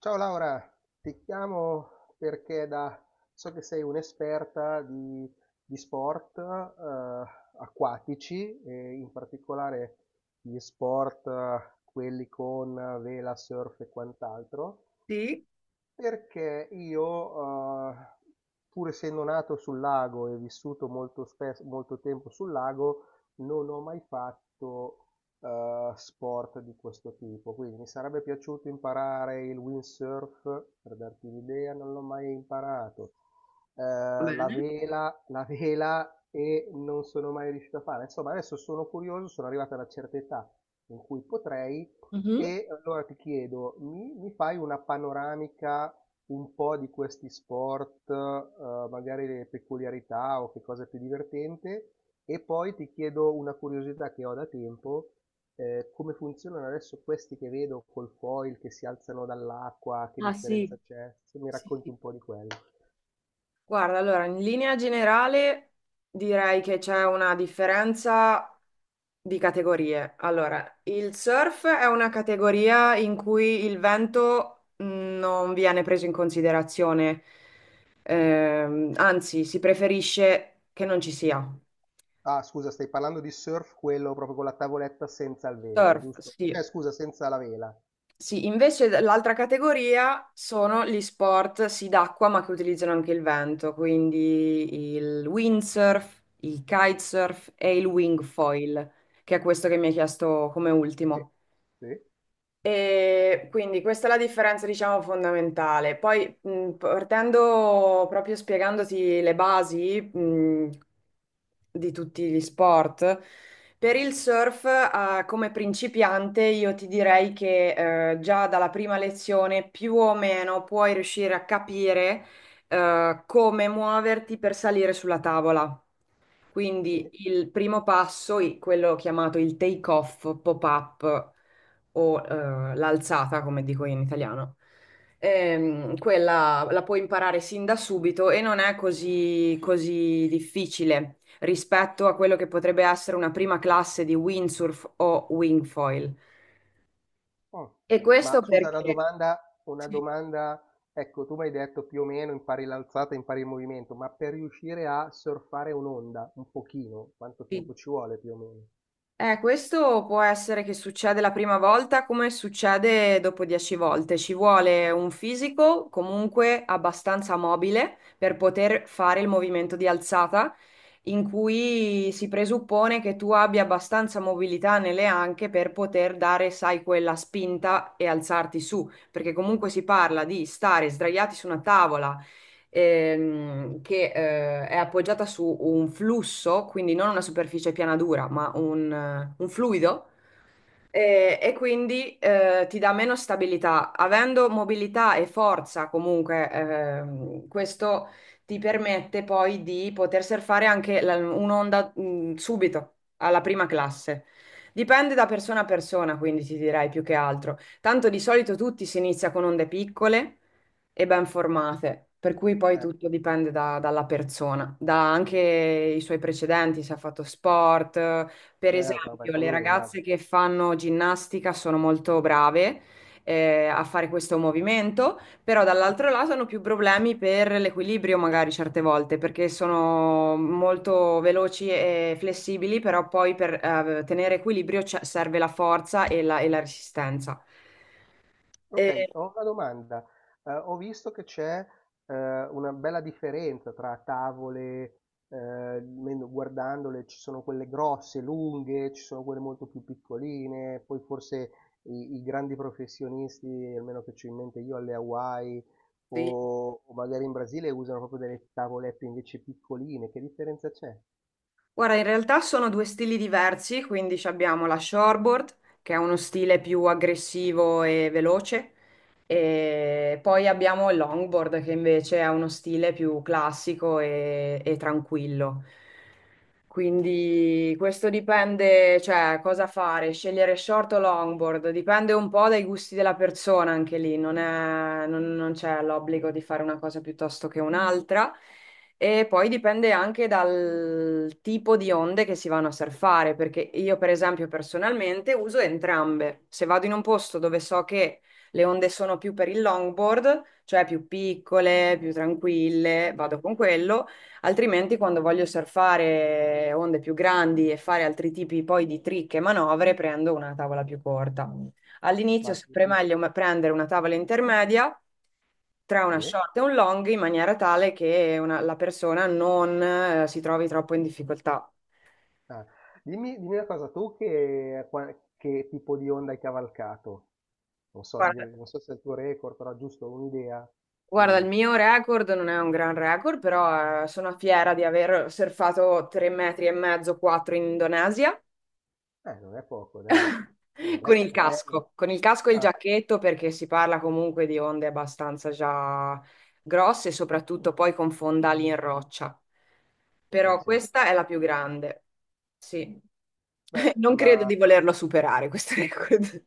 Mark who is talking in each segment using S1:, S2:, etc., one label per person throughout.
S1: Ciao Laura, ti chiamo perché da, so che sei un'esperta di sport acquatici, e in particolare gli sport quelli con vela, surf e quant'altro.
S2: Sì.
S1: Perché io, uhm, pur essendo nato sul lago e vissuto molto tempo sul lago, non ho mai fatto, sport di questo tipo. Quindi mi sarebbe piaciuto imparare il windsurf, per darti un'idea, non l'ho mai imparato.
S2: Va
S1: La
S2: bene?
S1: vela la vela e non sono mai riuscito a fare. Insomma, adesso sono curioso, sono arrivato a una certa età in cui potrei, e allora ti chiedo, mi fai una panoramica un po' di questi sport, magari le peculiarità o che cosa è più divertente? E poi ti chiedo una curiosità che ho da tempo, come funzionano adesso questi che vedo col foil che si alzano dall'acqua, che
S2: Ah, sì.
S1: differenza c'è? Se mi
S2: Sì,
S1: racconti
S2: sì.
S1: un po' di quello.
S2: Guarda, allora, in linea generale direi che c'è una differenza di categorie. Allora, il surf è una categoria in cui il vento non viene preso in considerazione. Anzi, si preferisce che non ci sia.
S1: Ah, scusa, stai parlando di surf, quello proprio con la tavoletta senza il vento,
S2: Surf,
S1: giusto?
S2: sì.
S1: Scusa, senza la vela.
S2: Sì, invece l'altra categoria sono gli sport, sì, d'acqua, ma che utilizzano anche il vento, quindi il windsurf, il kitesurf e il wingfoil, che è questo che mi hai chiesto come
S1: Sì,
S2: ultimo.
S1: sì,
S2: E quindi questa è la differenza, diciamo, fondamentale. Poi, partendo proprio spiegandoti le basi, di tutti gli sport, per il surf, come principiante, io ti direi che, già dalla prima lezione più o meno puoi riuscire a capire, come muoverti per salire sulla tavola. Quindi
S1: sì.
S2: il primo passo, quello chiamato il take off, pop-up o l'alzata, come dico io in italiano, quella la puoi imparare sin da subito e non è così, così difficile rispetto a quello che potrebbe essere una prima classe di windsurf o wingfoil.
S1: Mh.
S2: E questo
S1: Ma scusa
S2: perché...
S1: una
S2: Sì,
S1: domanda, ecco, tu m'hai detto più o meno impari l'alzata, impari il movimento, ma per riuscire a surfare un'onda un pochino, quanto
S2: sì.
S1: tempo ci vuole più o meno?
S2: Questo può essere che succede la prima volta come succede dopo dieci volte. Ci vuole un fisico comunque abbastanza mobile per poter fare il movimento di alzata, in cui si presuppone che tu abbia abbastanza mobilità nelle anche per poter dare, sai, quella spinta e alzarti su, perché comunque si parla di stare sdraiati su una tavola che è appoggiata su un flusso, quindi non una superficie piana dura, ma un fluido e quindi ti dà meno stabilità. Avendo mobilità e forza, comunque, questo ti permette poi di poter surfare anche un'onda subito alla prima classe. Dipende da persona a persona, quindi ti direi più che altro. Tanto di solito tutti si inizia con onde piccole e ben formate, per cui poi
S1: Eh,
S2: tutto dipende dalla persona, da anche i suoi precedenti, se ha fatto sport per
S1: certo, vabbè
S2: esempio. Le
S1: quello lo
S2: ragazze
S1: immagino.
S2: che fanno ginnastica sono molto brave a fare questo movimento, però dall'altro lato hanno più problemi per l'equilibrio magari certe volte, perché sono molto veloci e flessibili, però poi per tenere equilibrio serve la forza e la resistenza. E-
S1: Ok, ho una domanda. Ho visto che c'è eh, una bella differenza tra tavole, guardandole ci sono quelle grosse, lunghe, ci sono quelle molto più piccoline, poi forse i grandi professionisti, almeno che ci ho in mente io alle Hawaii
S2: Sì.
S1: o magari in Brasile usano proprio delle tavolette invece piccoline. Che differenza c'è?
S2: Guarda, in realtà sono due stili diversi, quindi ci abbiamo la shortboard, che è uno stile più aggressivo e veloce, e poi abbiamo il longboard che invece ha uno stile più classico e tranquillo. Quindi questo dipende, cioè cosa fare, scegliere short o longboard, dipende un po' dai gusti della persona anche lì, non è- non- non c'è l'obbligo di fare una cosa piuttosto che un'altra. E poi dipende anche dal tipo di onde che si vanno a surfare, perché io per esempio personalmente uso entrambe. Se vado in un posto dove so che le onde sono più per il longboard, cioè più piccole, più
S1: Eh?
S2: tranquille,
S1: Eh.
S2: vado con quello, altrimenti quando voglio surfare onde più grandi e fare altri tipi poi di trick e manovre, prendo una tavola più corta. All'inizio è
S1: Ma
S2: sempre
S1: dimmi.
S2: meglio prendere una tavola intermedia tra una
S1: Sì.
S2: short e un long in maniera tale che la persona non si trovi troppo in difficoltà.
S1: Ah, dimmi, dimmi una cosa, tu che, che tipo di onda hai cavalcato? Non so,
S2: Guarda,
S1: non so se è il tuo record, però giusto un'idea.
S2: Guarda, il
S1: di-
S2: mio record non è un gran record, però sono fiera di aver surfato 3 metri e mezzo, 4 in Indonesia
S1: Non è poco, dai. Non è, non è...
S2: con il casco e il
S1: Ah,
S2: giacchetto perché si parla comunque di onde abbastanza già grosse, soprattutto poi con fondali in roccia. Però
S1: certo.
S2: questa è la più grande, sì.
S1: Beh,
S2: Non credo
S1: ma
S2: di volerlo superare questo record.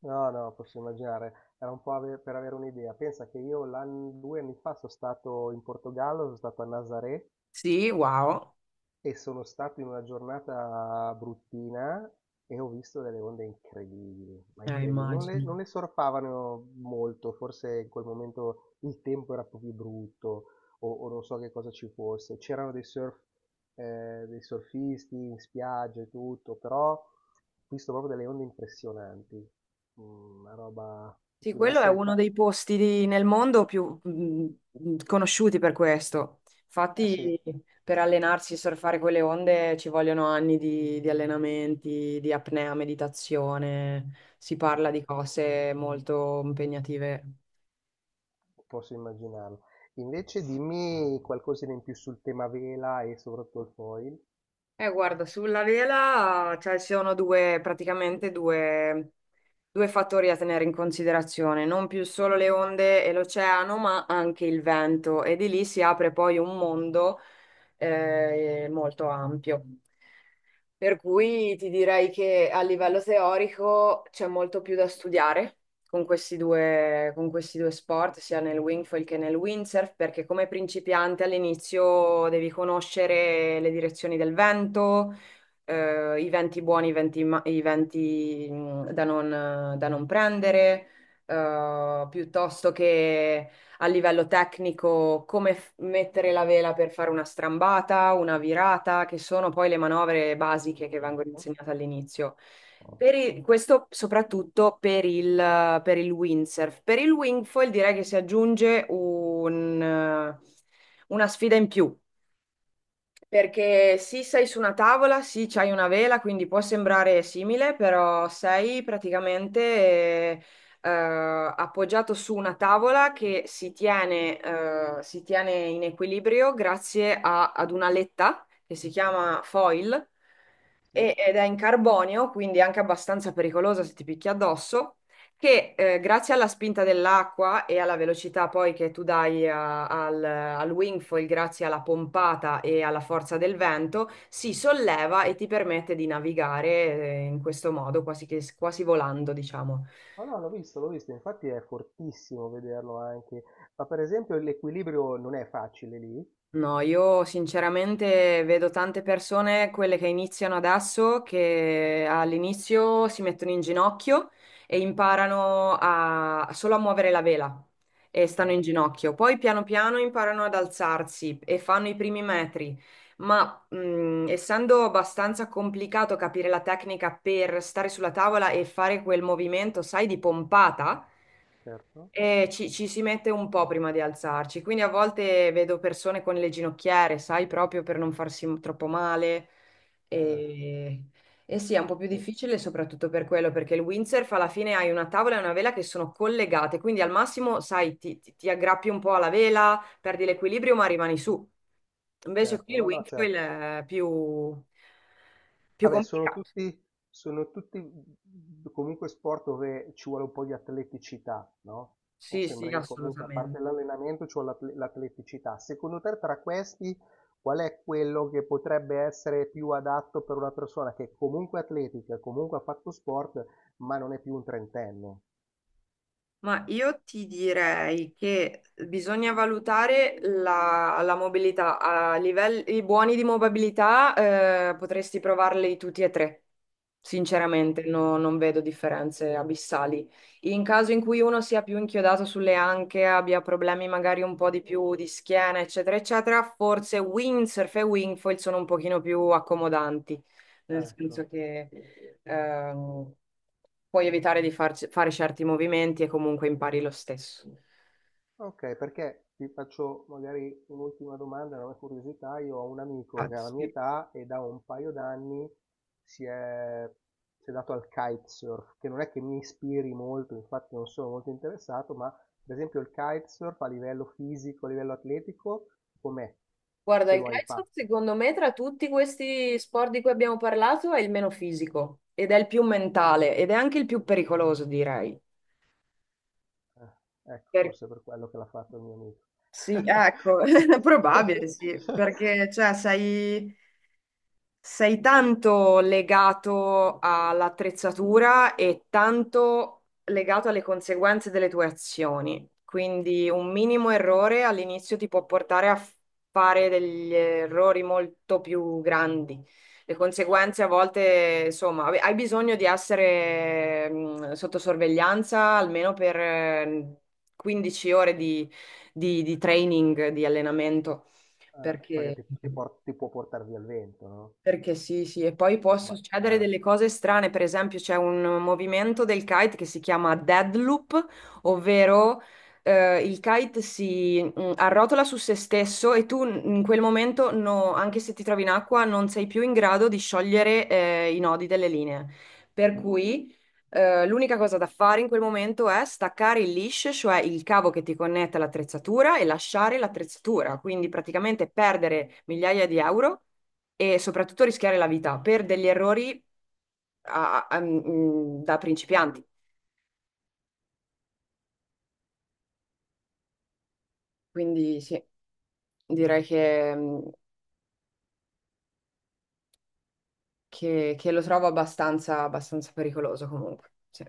S1: no, no, posso immaginare. Era un po' per avere un'idea. Pensa che io 2 anni fa sono stato in Portogallo, sono stato a Nazaré.
S2: Sì, wow.
S1: E sono stato in una giornata bruttina e ho visto delle onde incredibili, ma incredibili.
S2: Immagino.
S1: Non le sorpavano molto, forse in quel momento il tempo era un po' più brutto o non so che cosa ci fosse. C'erano dei surf, dei surfisti in spiaggia e tutto, però ho visto proprio delle onde impressionanti. Mm, una roba,
S2: Sì,
S1: poteva
S2: quello è
S1: essere...
S2: uno dei posti nel mondo più conosciuti per questo.
S1: Eh sì,
S2: Infatti, per allenarsi e surfare quelle onde ci vogliono anni di allenamenti, di apnea, meditazione. Si parla
S1: eh,
S2: di cose molto impegnative.
S1: posso immaginarlo. Invece dimmi qualcosina in più sul tema vela e soprattutto il foil.
S2: Guarda, sulla vela, cioè, ci sono praticamente due fattori a tenere in considerazione, non più solo le onde e l'oceano, ma anche il vento, e di lì si apre poi un mondo molto ampio. Per cui ti direi che a livello teorico c'è molto più da studiare con questi due sport, sia nel wingfoil che nel windsurf, perché come principiante all'inizio devi conoscere le direzioni del vento i venti buoni, i venti, da non, da non prendere, piuttosto che a livello tecnico come mettere la vela per fare una strambata, una virata, che sono poi le manovre basiche che vengono
S1: Certo.
S2: insegnate all'inizio. Per questo soprattutto per per il windsurf. Per il wingfoil direi che si aggiunge un, una sfida in più, perché sì, sei su una tavola, sì, c'hai una vela, quindi può sembrare simile, però sei praticamente eh, appoggiato su una tavola che si tiene in equilibrio grazie ad una letta che si chiama foil
S1: Sì.
S2: ed è in carbonio, quindi anche abbastanza pericolosa se ti picchi addosso, che grazie alla spinta dell'acqua e alla velocità poi che tu dai al wingfoil, grazie alla pompata e alla forza del vento, si solleva e ti permette di navigare in questo modo, quasi, quasi volando, diciamo.
S1: Oh no, l'ho visto, infatti è fortissimo vederlo anche. Ma per esempio l'equilibrio non è facile lì?
S2: No, io sinceramente vedo tante persone, quelle che iniziano adesso, che all'inizio si mettono in ginocchio e imparano a, solo a muovere la vela e stanno
S1: Ah,
S2: in
S1: ok.
S2: ginocchio. Poi piano piano imparano ad alzarsi e fanno i primi metri. Ma essendo abbastanza complicato capire la tecnica per stare sulla tavola e fare quel movimento, sai, di pompata.
S1: Certo.
S2: Ci si mette un po' prima di alzarci, quindi a volte vedo persone con le ginocchiere, sai, proprio per non farsi troppo male.
S1: Eh,
S2: E, e sì, è un po' più
S1: sì,
S2: difficile soprattutto per quello, perché il windsurf alla fine hai una tavola e una vela che sono collegate, quindi al massimo, sai, ti aggrappi un po' alla vela, perdi l'equilibrio, ma rimani su. Invece qui
S1: certo.
S2: il
S1: No, no,
S2: windsurf
S1: certo.
S2: è più, più
S1: Vabbè,
S2: complicato.
S1: sono tutti mhmm, comunque sport dove ci vuole un po' di atleticità, no? Mi
S2: Sì, sì,
S1: sembra che comunque, a parte
S2: assolutamente.
S1: l'allenamento, ci vuole l'atleticità. Secondo te, tra questi, qual è quello che potrebbe essere più adatto per una persona che comunque è atletica, comunque ha fatto sport, ma non è più un trentenne?
S2: Ma io ti direi che bisogna valutare la mobilità. A livelli buoni di mobilità, potresti provarli tutti e tre.
S1: Oh.
S2: Sinceramente, non vedo differenze abissali. In caso in cui uno sia più inchiodato sulle anche, abbia problemi magari un po' di più di schiena, eccetera, eccetera, forse windsurf e wingfoil sono un pochino più accomodanti nel
S1: Ecco.
S2: senso che ehm, puoi evitare di fare certi movimenti e comunque impari lo stesso.
S1: Ok, perché ti faccio magari un'ultima domanda, una curiosità. Io ho un
S2: Ah,
S1: amico che
S2: infatti,
S1: ha la mia
S2: sì.
S1: età e da un paio d'anni si è, si è dato al kitesurf, che non è che mi ispiri molto, infatti non sono molto interessato, ma per esempio il kitesurf a livello fisico, a livello atletico, com'è?
S2: Guarda,
S1: Se
S2: il
S1: lo hai
S2: calcio
S1: fatto.
S2: secondo me tra tutti questi sport di cui abbiamo parlato è il meno fisico ed è il più mentale ed è anche il più pericoloso, direi.
S1: Eh, ecco,
S2: Per-
S1: forse per quello che l'ha fatto il mio amico.
S2: sì, ecco, è probabile, sì, perché cioè, sei sei tanto legato all'attrezzatura e tanto legato alle conseguenze delle tue azioni. Quindi un minimo errore all'inizio ti può portare a fare degli errori molto più grandi. Le conseguenze a volte, insomma, vabbè, hai bisogno di essere sotto sorveglianza almeno per 15 ore di, di training, di allenamento,
S1: Perché
S2: perché...
S1: ti, ti può portare via il vento, no?
S2: Perché sì, sì, e poi può
S1: Può
S2: succedere
S1: sbalzare.
S2: delle cose strane, per esempio c'è un movimento del kite che si chiama deadloop, ovvero il kite si arrotola su se stesso e tu in quel momento, anche se ti trovi in acqua, non sei più in grado di sciogliere i nodi delle linee. Per cui l'unica cosa da fare in quel momento è staccare il leash, cioè il cavo che ti connette all'attrezzatura e lasciare l'attrezzatura, quindi praticamente perdere migliaia di euro e soprattutto rischiare la vita per degli errori da principianti. Quindi sì, direi che, che lo trovo abbastanza, abbastanza pericoloso comunque. Sì.